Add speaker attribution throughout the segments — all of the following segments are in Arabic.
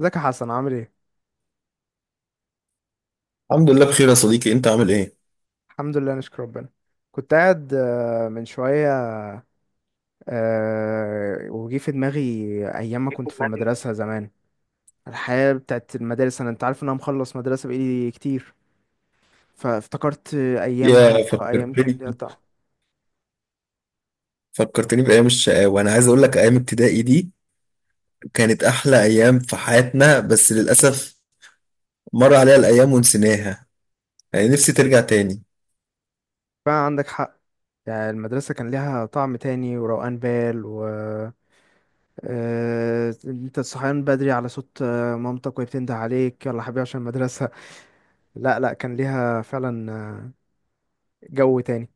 Speaker 1: ازيك يا حسن، عامل ايه؟
Speaker 2: الحمد لله بخير يا صديقي، انت عامل ايه؟
Speaker 1: الحمد لله، نشكر ربنا. كنت قاعد من شوية. وجي في دماغي أيام ما كنت في المدرسة زمان. الحياة بتاعت المدارس، أنت عارف إن أنا مخلص مدرسة بقالي كتير. فافتكرت أيامها،
Speaker 2: يا
Speaker 1: أيام كان
Speaker 2: فكرتني
Speaker 1: ليها طعم.
Speaker 2: فكرتني بايام الشقاوه. انا عايز اقول لك ايام ابتدائي دي كانت احلى ايام في حياتنا، بس للاسف مر عليها الايام ونسيناها. يعني نفسي ترجع تاني.
Speaker 1: فعلا عندك حق. يعني المدرسة كان ليها طعم تاني وروقان بال، و أنت صحيان بدري على صوت مامتك وهي بتنده عليك يلا حبيبي عشان المدرسة. لا لا، كان ليها فعلا جو تاني.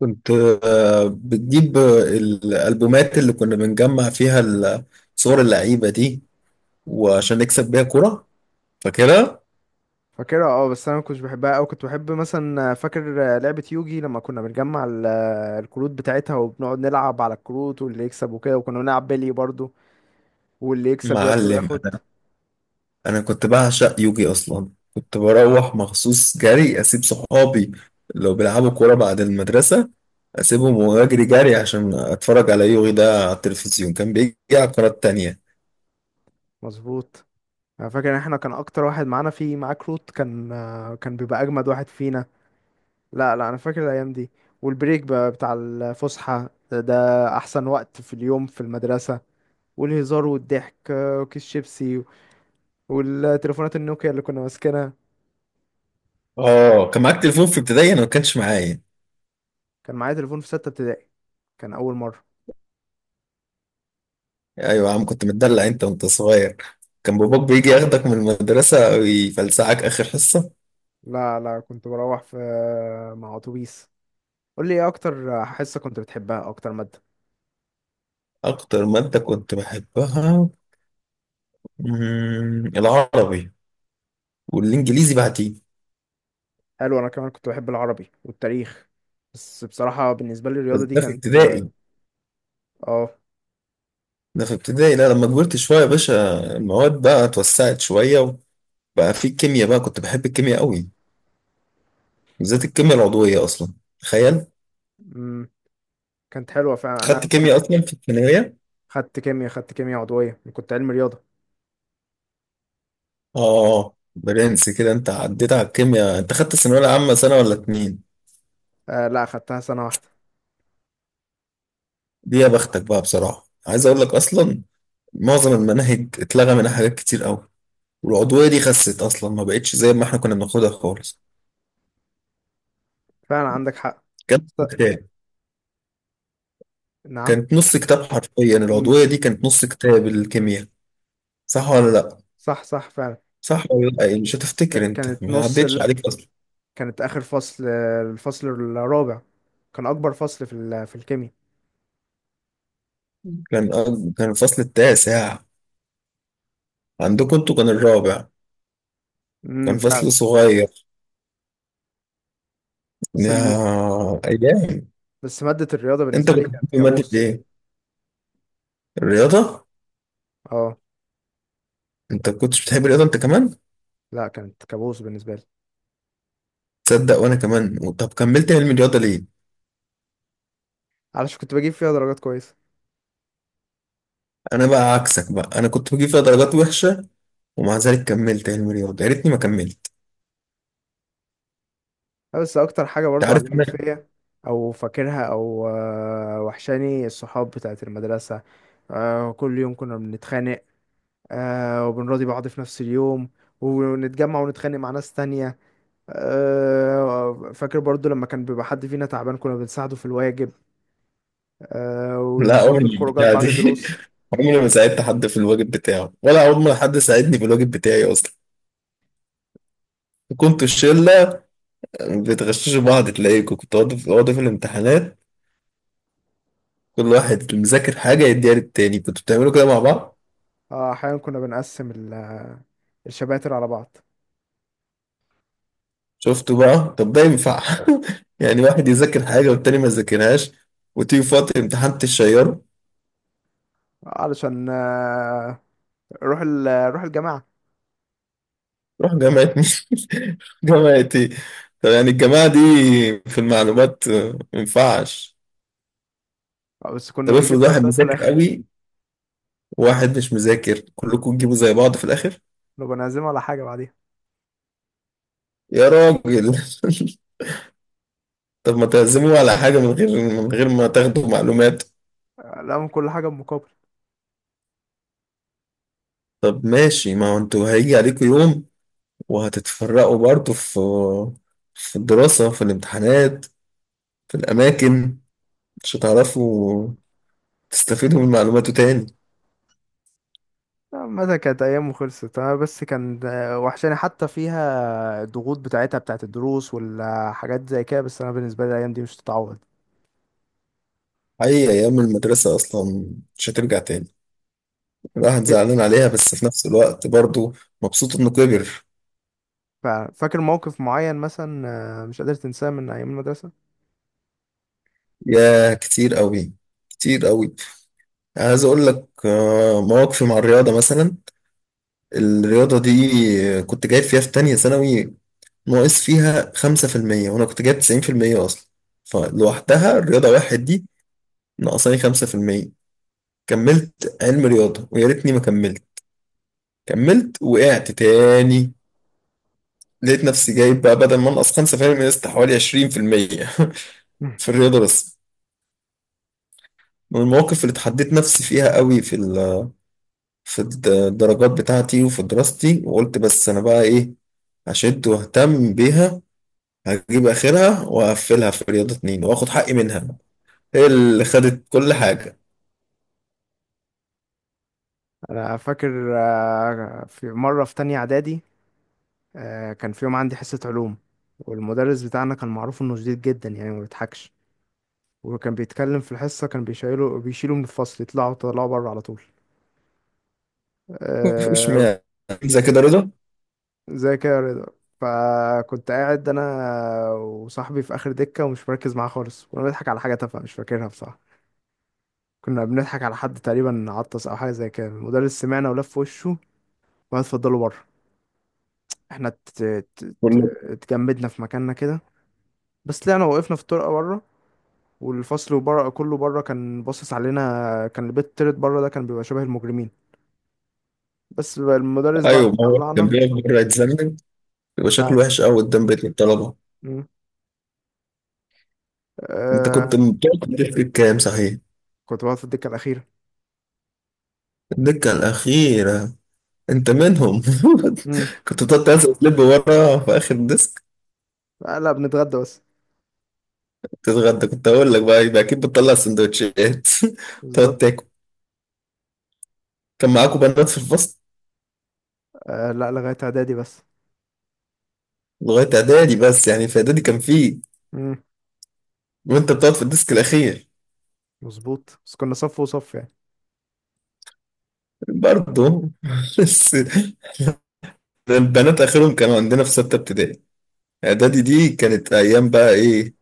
Speaker 2: كنت بتجيب الالبومات اللي كنا بنجمع فيها صور اللعيبه دي، وعشان نكسب بيها كرة. فاكرها؟
Speaker 1: فاكرها. اه بس انا ما كنتش بحبها قوي. كنت بحب مثلا، فاكر لعبة يوجي لما كنا بنجمع الكروت بتاعتها، وبنقعد نلعب على الكروت واللي يكسب وكده. وكنا بنلعب بلي برضو، واللي يكسب يرضى
Speaker 2: معلم
Speaker 1: ياخد.
Speaker 2: انا كنت بعشق يوجي اصلا. كنت بروح مخصوص جري، اسيب صحابي لو بيلعبوا كورة بعد المدرسة، اسيبهم واجري جري عشان اتفرج على يوغي ده على التلفزيون. كان بيجي على القناة التانية.
Speaker 1: مظبوط. انا فاكر ان احنا كان اكتر واحد معانا فيه معاه كروت، كان بيبقى اجمد واحد فينا. لا لا، انا فاكر الايام دي. والبريك بقى بتاع الفسحة ده احسن وقت في اليوم في المدرسة. والهزار والضحك وكيس شيبسي والتليفونات النوكيا اللي كنا ماسكينها.
Speaker 2: اه، كان معاك تليفون في ابتدائي؟ انا ما كانش معايا.
Speaker 1: كان معايا تليفون في ستة ابتدائي، كان أول مرة.
Speaker 2: ايوه يا عم، كنت متدلع انت وانت صغير. كان باباك بيجي ياخدك من المدرسة ويفلسعك اخر حصة.
Speaker 1: لا لا، كنت بروح مع أتوبيس. قول لي إيه أكتر حصة كنت بتحبها، أكتر مادة؟
Speaker 2: اكتر مادة كنت بحبها، العربي، والانجليزي بعدين.
Speaker 1: حلو، أنا كمان كنت بحب العربي والتاريخ. بس بصراحة بالنسبة لي
Speaker 2: بس
Speaker 1: الرياضة دي
Speaker 2: ده في
Speaker 1: كانت...
Speaker 2: ابتدائي.
Speaker 1: آه
Speaker 2: ده في ابتدائي، لا لما كبرت شوية يا باشا المواد بقى اتوسعت شوية، وبقى في كيمياء بقى. كنت بحب الكيمياء قوي،
Speaker 1: أنا
Speaker 2: بالذات
Speaker 1: كنت...
Speaker 2: الكيمياء العضوية اصلا. تخيل.
Speaker 1: مم، كانت حلوة فعلا.
Speaker 2: خدت
Speaker 1: أنا كنت
Speaker 2: كيمياء اصلا في الثانويه.
Speaker 1: خدت كيمياء، خدت كيمياء عضوية، كنت علم رياضة.
Speaker 2: اه برنس كده. انت عديت على الكيمياء. انت خدت الثانويه العامه سنه ولا اتنين؟
Speaker 1: لا، خدتها سنة واحدة.
Speaker 2: دي يا بختك بقى. بصراحه عايز اقول لك اصلا، معظم المناهج اتلغى منها حاجات كتير قوي، والعضويه دي خست اصلا، ما بقتش زي ما احنا كنا بناخدها خالص.
Speaker 1: فعلا عندك حق.
Speaker 2: كانت
Speaker 1: س-
Speaker 2: كتاب
Speaker 1: نعم.
Speaker 2: كانت نص كتاب، حرفيا
Speaker 1: مم،
Speaker 2: العضويه دي كانت نص كتاب الكيمياء. صح ولا لا؟
Speaker 1: صح صح فعلا.
Speaker 2: صح ولا لا؟ يعني مش هتفتكر، انت
Speaker 1: كانت
Speaker 2: ما
Speaker 1: نص.
Speaker 2: عدتش عليك اصلا.
Speaker 1: كانت اخر فصل، الفصل الرابع. كان اكبر فصل في الكيمياء.
Speaker 2: كان كان الفصل التاسع. عندكم انتوا كان الرابع. كان
Speaker 1: فعلا.
Speaker 2: فصل صغير.
Speaker 1: بس ال...
Speaker 2: يا ايام.
Speaker 1: بس مادة الرياضة
Speaker 2: انت
Speaker 1: بالنسبة
Speaker 2: كنت
Speaker 1: لي كانت
Speaker 2: بتحب ماده
Speaker 1: كابوس.
Speaker 2: ايه؟ الرياضه؟
Speaker 1: اه،
Speaker 2: انت كنتش بتحب الرياضه انت كمان؟
Speaker 1: لا كانت كابوس بالنسبة لي.
Speaker 2: تصدق وانا كمان؟ طب كملت علم الرياضه ليه؟
Speaker 1: علشان كنت بجيب فيها درجات كويسة.
Speaker 2: انا بقى عكسك بقى، انا كنت بجيب فيها درجات وحشه، ومع ذلك كملت علم الرياضه. يا ريتني ما كملت.
Speaker 1: بس اكتر حاجة
Speaker 2: انت
Speaker 1: برضو
Speaker 2: عارف
Speaker 1: علمت
Speaker 2: انا
Speaker 1: فيا. او فاكرها، او وحشاني الصحاب بتاعت المدرسة. كل يوم كنا بنتخانق. وبنراضي بعض في نفس اليوم، ونتجمع ونتخانق مع ناس تانية. فاكر برضو لما كان بيبقى حد فينا تعبان كنا بنساعده في الواجب.
Speaker 2: لا، عمري
Speaker 1: وبرضو الخروجات
Speaker 2: البتاع دي
Speaker 1: بعد دروس.
Speaker 2: عمري ما ساعدت حد في الواجب بتاعه، ولا عمر ما حد ساعدني في الواجب بتاعي اصلا. كنت الشله بتغششوا بعض، تلاقيكم كنت اقعد في أقعدوا في الامتحانات كل واحد مذاكر حاجه يديها للتاني. كنتوا بتعملوا كده مع بعض؟
Speaker 1: أحيانا كنا بنقسم الشباتر على بعض.
Speaker 2: شفتوا بقى، طب ده ينفع؟ يعني واحد يذاكر حاجة والتاني ما يذاكرهاش، وتيجي في وقت الامتحان تشيره؟
Speaker 1: علشان نروح الجماعة.
Speaker 2: روح جامعة مين؟ جامعة ايه؟ طب يعني الجماعة دي في المعلومات ما ينفعش.
Speaker 1: بس كنا
Speaker 2: طب افرض
Speaker 1: بنجيب
Speaker 2: واحد
Speaker 1: درجات في
Speaker 2: مذاكر
Speaker 1: الآخر.
Speaker 2: قوي وواحد مش مذاكر، كلكم تجيبوا زي بعض في الآخر.
Speaker 1: لو بنعزم على حاجة بعديها.
Speaker 2: يا راجل طب ما تعزموا على حاجة من غير ما تاخدوا معلومات.
Speaker 1: لا، من كل حاجة بمقابل.
Speaker 2: طب ماشي، ما هو انتوا هيجي عليكم يوم وهتتفرقوا برضه، في الدراسة، في الامتحانات، في الأماكن، مش هتعرفوا تستفيدوا من معلوماته تاني.
Speaker 1: متى كانت أيام. وخلصت أنا بس كان وحشاني حتى فيها الضغوط بتاعتها، بتاعت الدروس والحاجات زي كده. بس أنا بالنسبة لي الأيام دي مش تتعوض.
Speaker 2: أي أيام المدرسة أصلا مش هترجع تاني. الواحد زعلان عليها بس في نفس الوقت برضه مبسوط إنه كبر.
Speaker 1: ففاكر موقف معين مثلا مش قادر تنساه من أيام المدرسة؟
Speaker 2: يا كتير أوي، كتير أوي. عايز أقول لك مواقفي مع الرياضة مثلا. الرياضة دي كنت جايب فيها في تانية ثانوي، ناقص فيها 5%، وأنا كنت جايب 90% أصلا. فلوحدها الرياضة واحد دي ناقصاني 5%. كملت علم رياضة، ويا ريتني ما كملت. كملت، وقعت تاني. لقيت نفسي جايب بقى، بدل ما انقص 5% من الست، حوالي 20% في المية في الرياضة بس. من المواقف اللي اتحديت نفسي فيها قوي في الدرجات بتاعتي وفي دراستي. وقلت، بس انا بقى ايه، هشد واهتم بيها، هجيب اخرها، وهقفلها في رياضة اتنين، واخد حقي منها، هي اللي خدت كل حاجة.
Speaker 1: أنا فاكر في مرة في تانية إعدادي، كان في يوم عندي حصة علوم. والمدرس بتاعنا كان معروف إنه شديد جدا، يعني ما بيضحكش. وكان بيتكلم في الحصة، كان بيشيله بيشيله من الفصل، يطلعوا طلعوا بره على طول.
Speaker 2: مش
Speaker 1: آه،
Speaker 2: معنى زي كده رضا.
Speaker 1: زي كده يا رضا. فكنت قاعد أنا وصاحبي في آخر دكة ومش مركز معاه خالص، كنا بنضحك على حاجة تافهة مش فاكرها بصراحة. كنا بنضحك على حد تقريبا عطس أو حاجة زي كده، المدرس سمعنا ولف وشه وقعد اتفضلوا بره. احنا ت- ت-
Speaker 2: كله.
Speaker 1: اتجمدنا في مكاننا كده. بس طلعنا وقفنا في الطرقه بره، والفصل بره كله بره كان باصص علينا. كان البيت التالت بره ده كان بيبقى شبه المجرمين، بس بقى المدرس بعد
Speaker 2: ايوه،
Speaker 1: ما
Speaker 2: ما هو كان
Speaker 1: طلعنا.
Speaker 2: بيقف بره يتذنب، يبقى
Speaker 1: ف
Speaker 2: شكله وحش قوي قدام بيت الطلبة.
Speaker 1: مم.
Speaker 2: انت
Speaker 1: آه...
Speaker 2: كنت بتقعد تحكي كام صحيح؟
Speaker 1: كنت بقعد في الدكه الاخيره.
Speaker 2: الدكة الأخيرة، أنت منهم؟
Speaker 1: امم.
Speaker 2: كنت تقعد تنزل تلب ورا في آخر الديسك؟
Speaker 1: لا، بنتغدى بس.
Speaker 2: تتغدى؟ كنت أقول لك بقى، يبقى أكيد بتطلع سندوتشات تقعد
Speaker 1: بالظبط.
Speaker 2: تاكل. كان معاكم بنات في الفصل؟
Speaker 1: لا، لغايه اعدادي بس.
Speaker 2: لغاية إعدادي بس، يعني في إعدادي كان فيه.
Speaker 1: امم.
Speaker 2: وأنت بتقعد في الديسك الأخير؟
Speaker 1: مظبوط، بس كنا صف وصف يعني.
Speaker 2: برضه بس البنات آخرهم كانوا عندنا في ستة ابتدائي. إعدادي دي كانت أيام بقى إيه،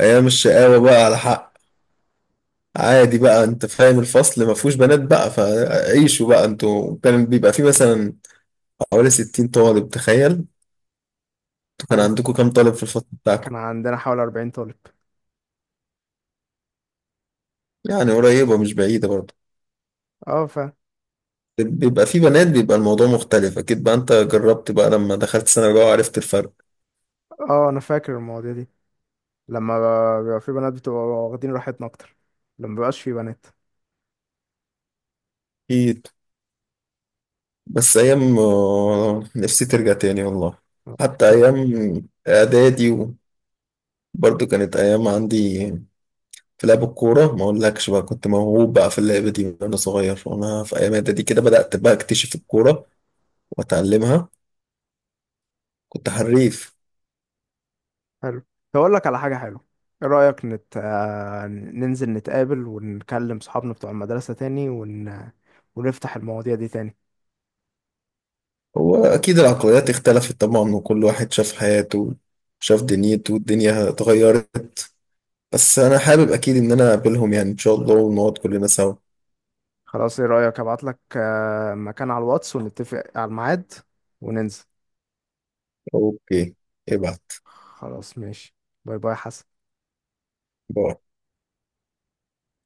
Speaker 2: أيام الشقاوة بقى على حق. عادي بقى، انت فاهم الفصل ما فيهوش بنات بقى، فعيشوا بقى. انتوا كان بيبقى فيه مثلا حوالي 60 طالب، تخيل. انتوا كان
Speaker 1: حلو،
Speaker 2: عندكم كام طالب في الفصل بتاعكم؟
Speaker 1: كان عندنا حوالي 40 طالب.
Speaker 2: يعني قريبة، مش بعيدة برضه.
Speaker 1: اه،
Speaker 2: بيبقى في بنات بيبقى الموضوع مختلف أكيد بقى. أنت جربت بقى لما دخلت سنة رابعة وعرفت الفرق؟
Speaker 1: اه انا فاكر المواضيع دي. لما بيبقى في بنات بتبقى واخدين راحتنا اكتر. لما مبيبقاش في بنات.
Speaker 2: أكيد. بس أيام نفسي ترجع تاني والله.
Speaker 1: آه،
Speaker 2: حتى أيام إعدادي برضه كانت أيام. عندي في لعب الكورة ما أقولكش بقى، كنت موهوب بقى في اللعبة دي وأنا صغير. وأنا في أيام إعدادي كده بدأت بقى أكتشف الكورة وأتعلمها. كنت حريف.
Speaker 1: حلو، هقول لك على حاجة حلوة. ايه رأيك نت... آه، ننزل نتقابل ونكلم صحابنا بتوع المدرسة تاني ونفتح المواضيع دي تاني؟
Speaker 2: هو أكيد العقليات اختلفت طبعا، وكل واحد شاف حياته، شاف دنيته، الدنيا اتغيرت. بس أنا حابب أكيد إن أنا أقابلهم، يعني إن شاء الله ونقعد كلنا سوا.
Speaker 1: خلاص، ايه رأيك ابعت لك مكان على الواتس ونتفق على الميعاد وننزل؟
Speaker 2: أوكي، ابعت.
Speaker 1: خلاص، ماشي. باي باي يا حسن.
Speaker 2: باي.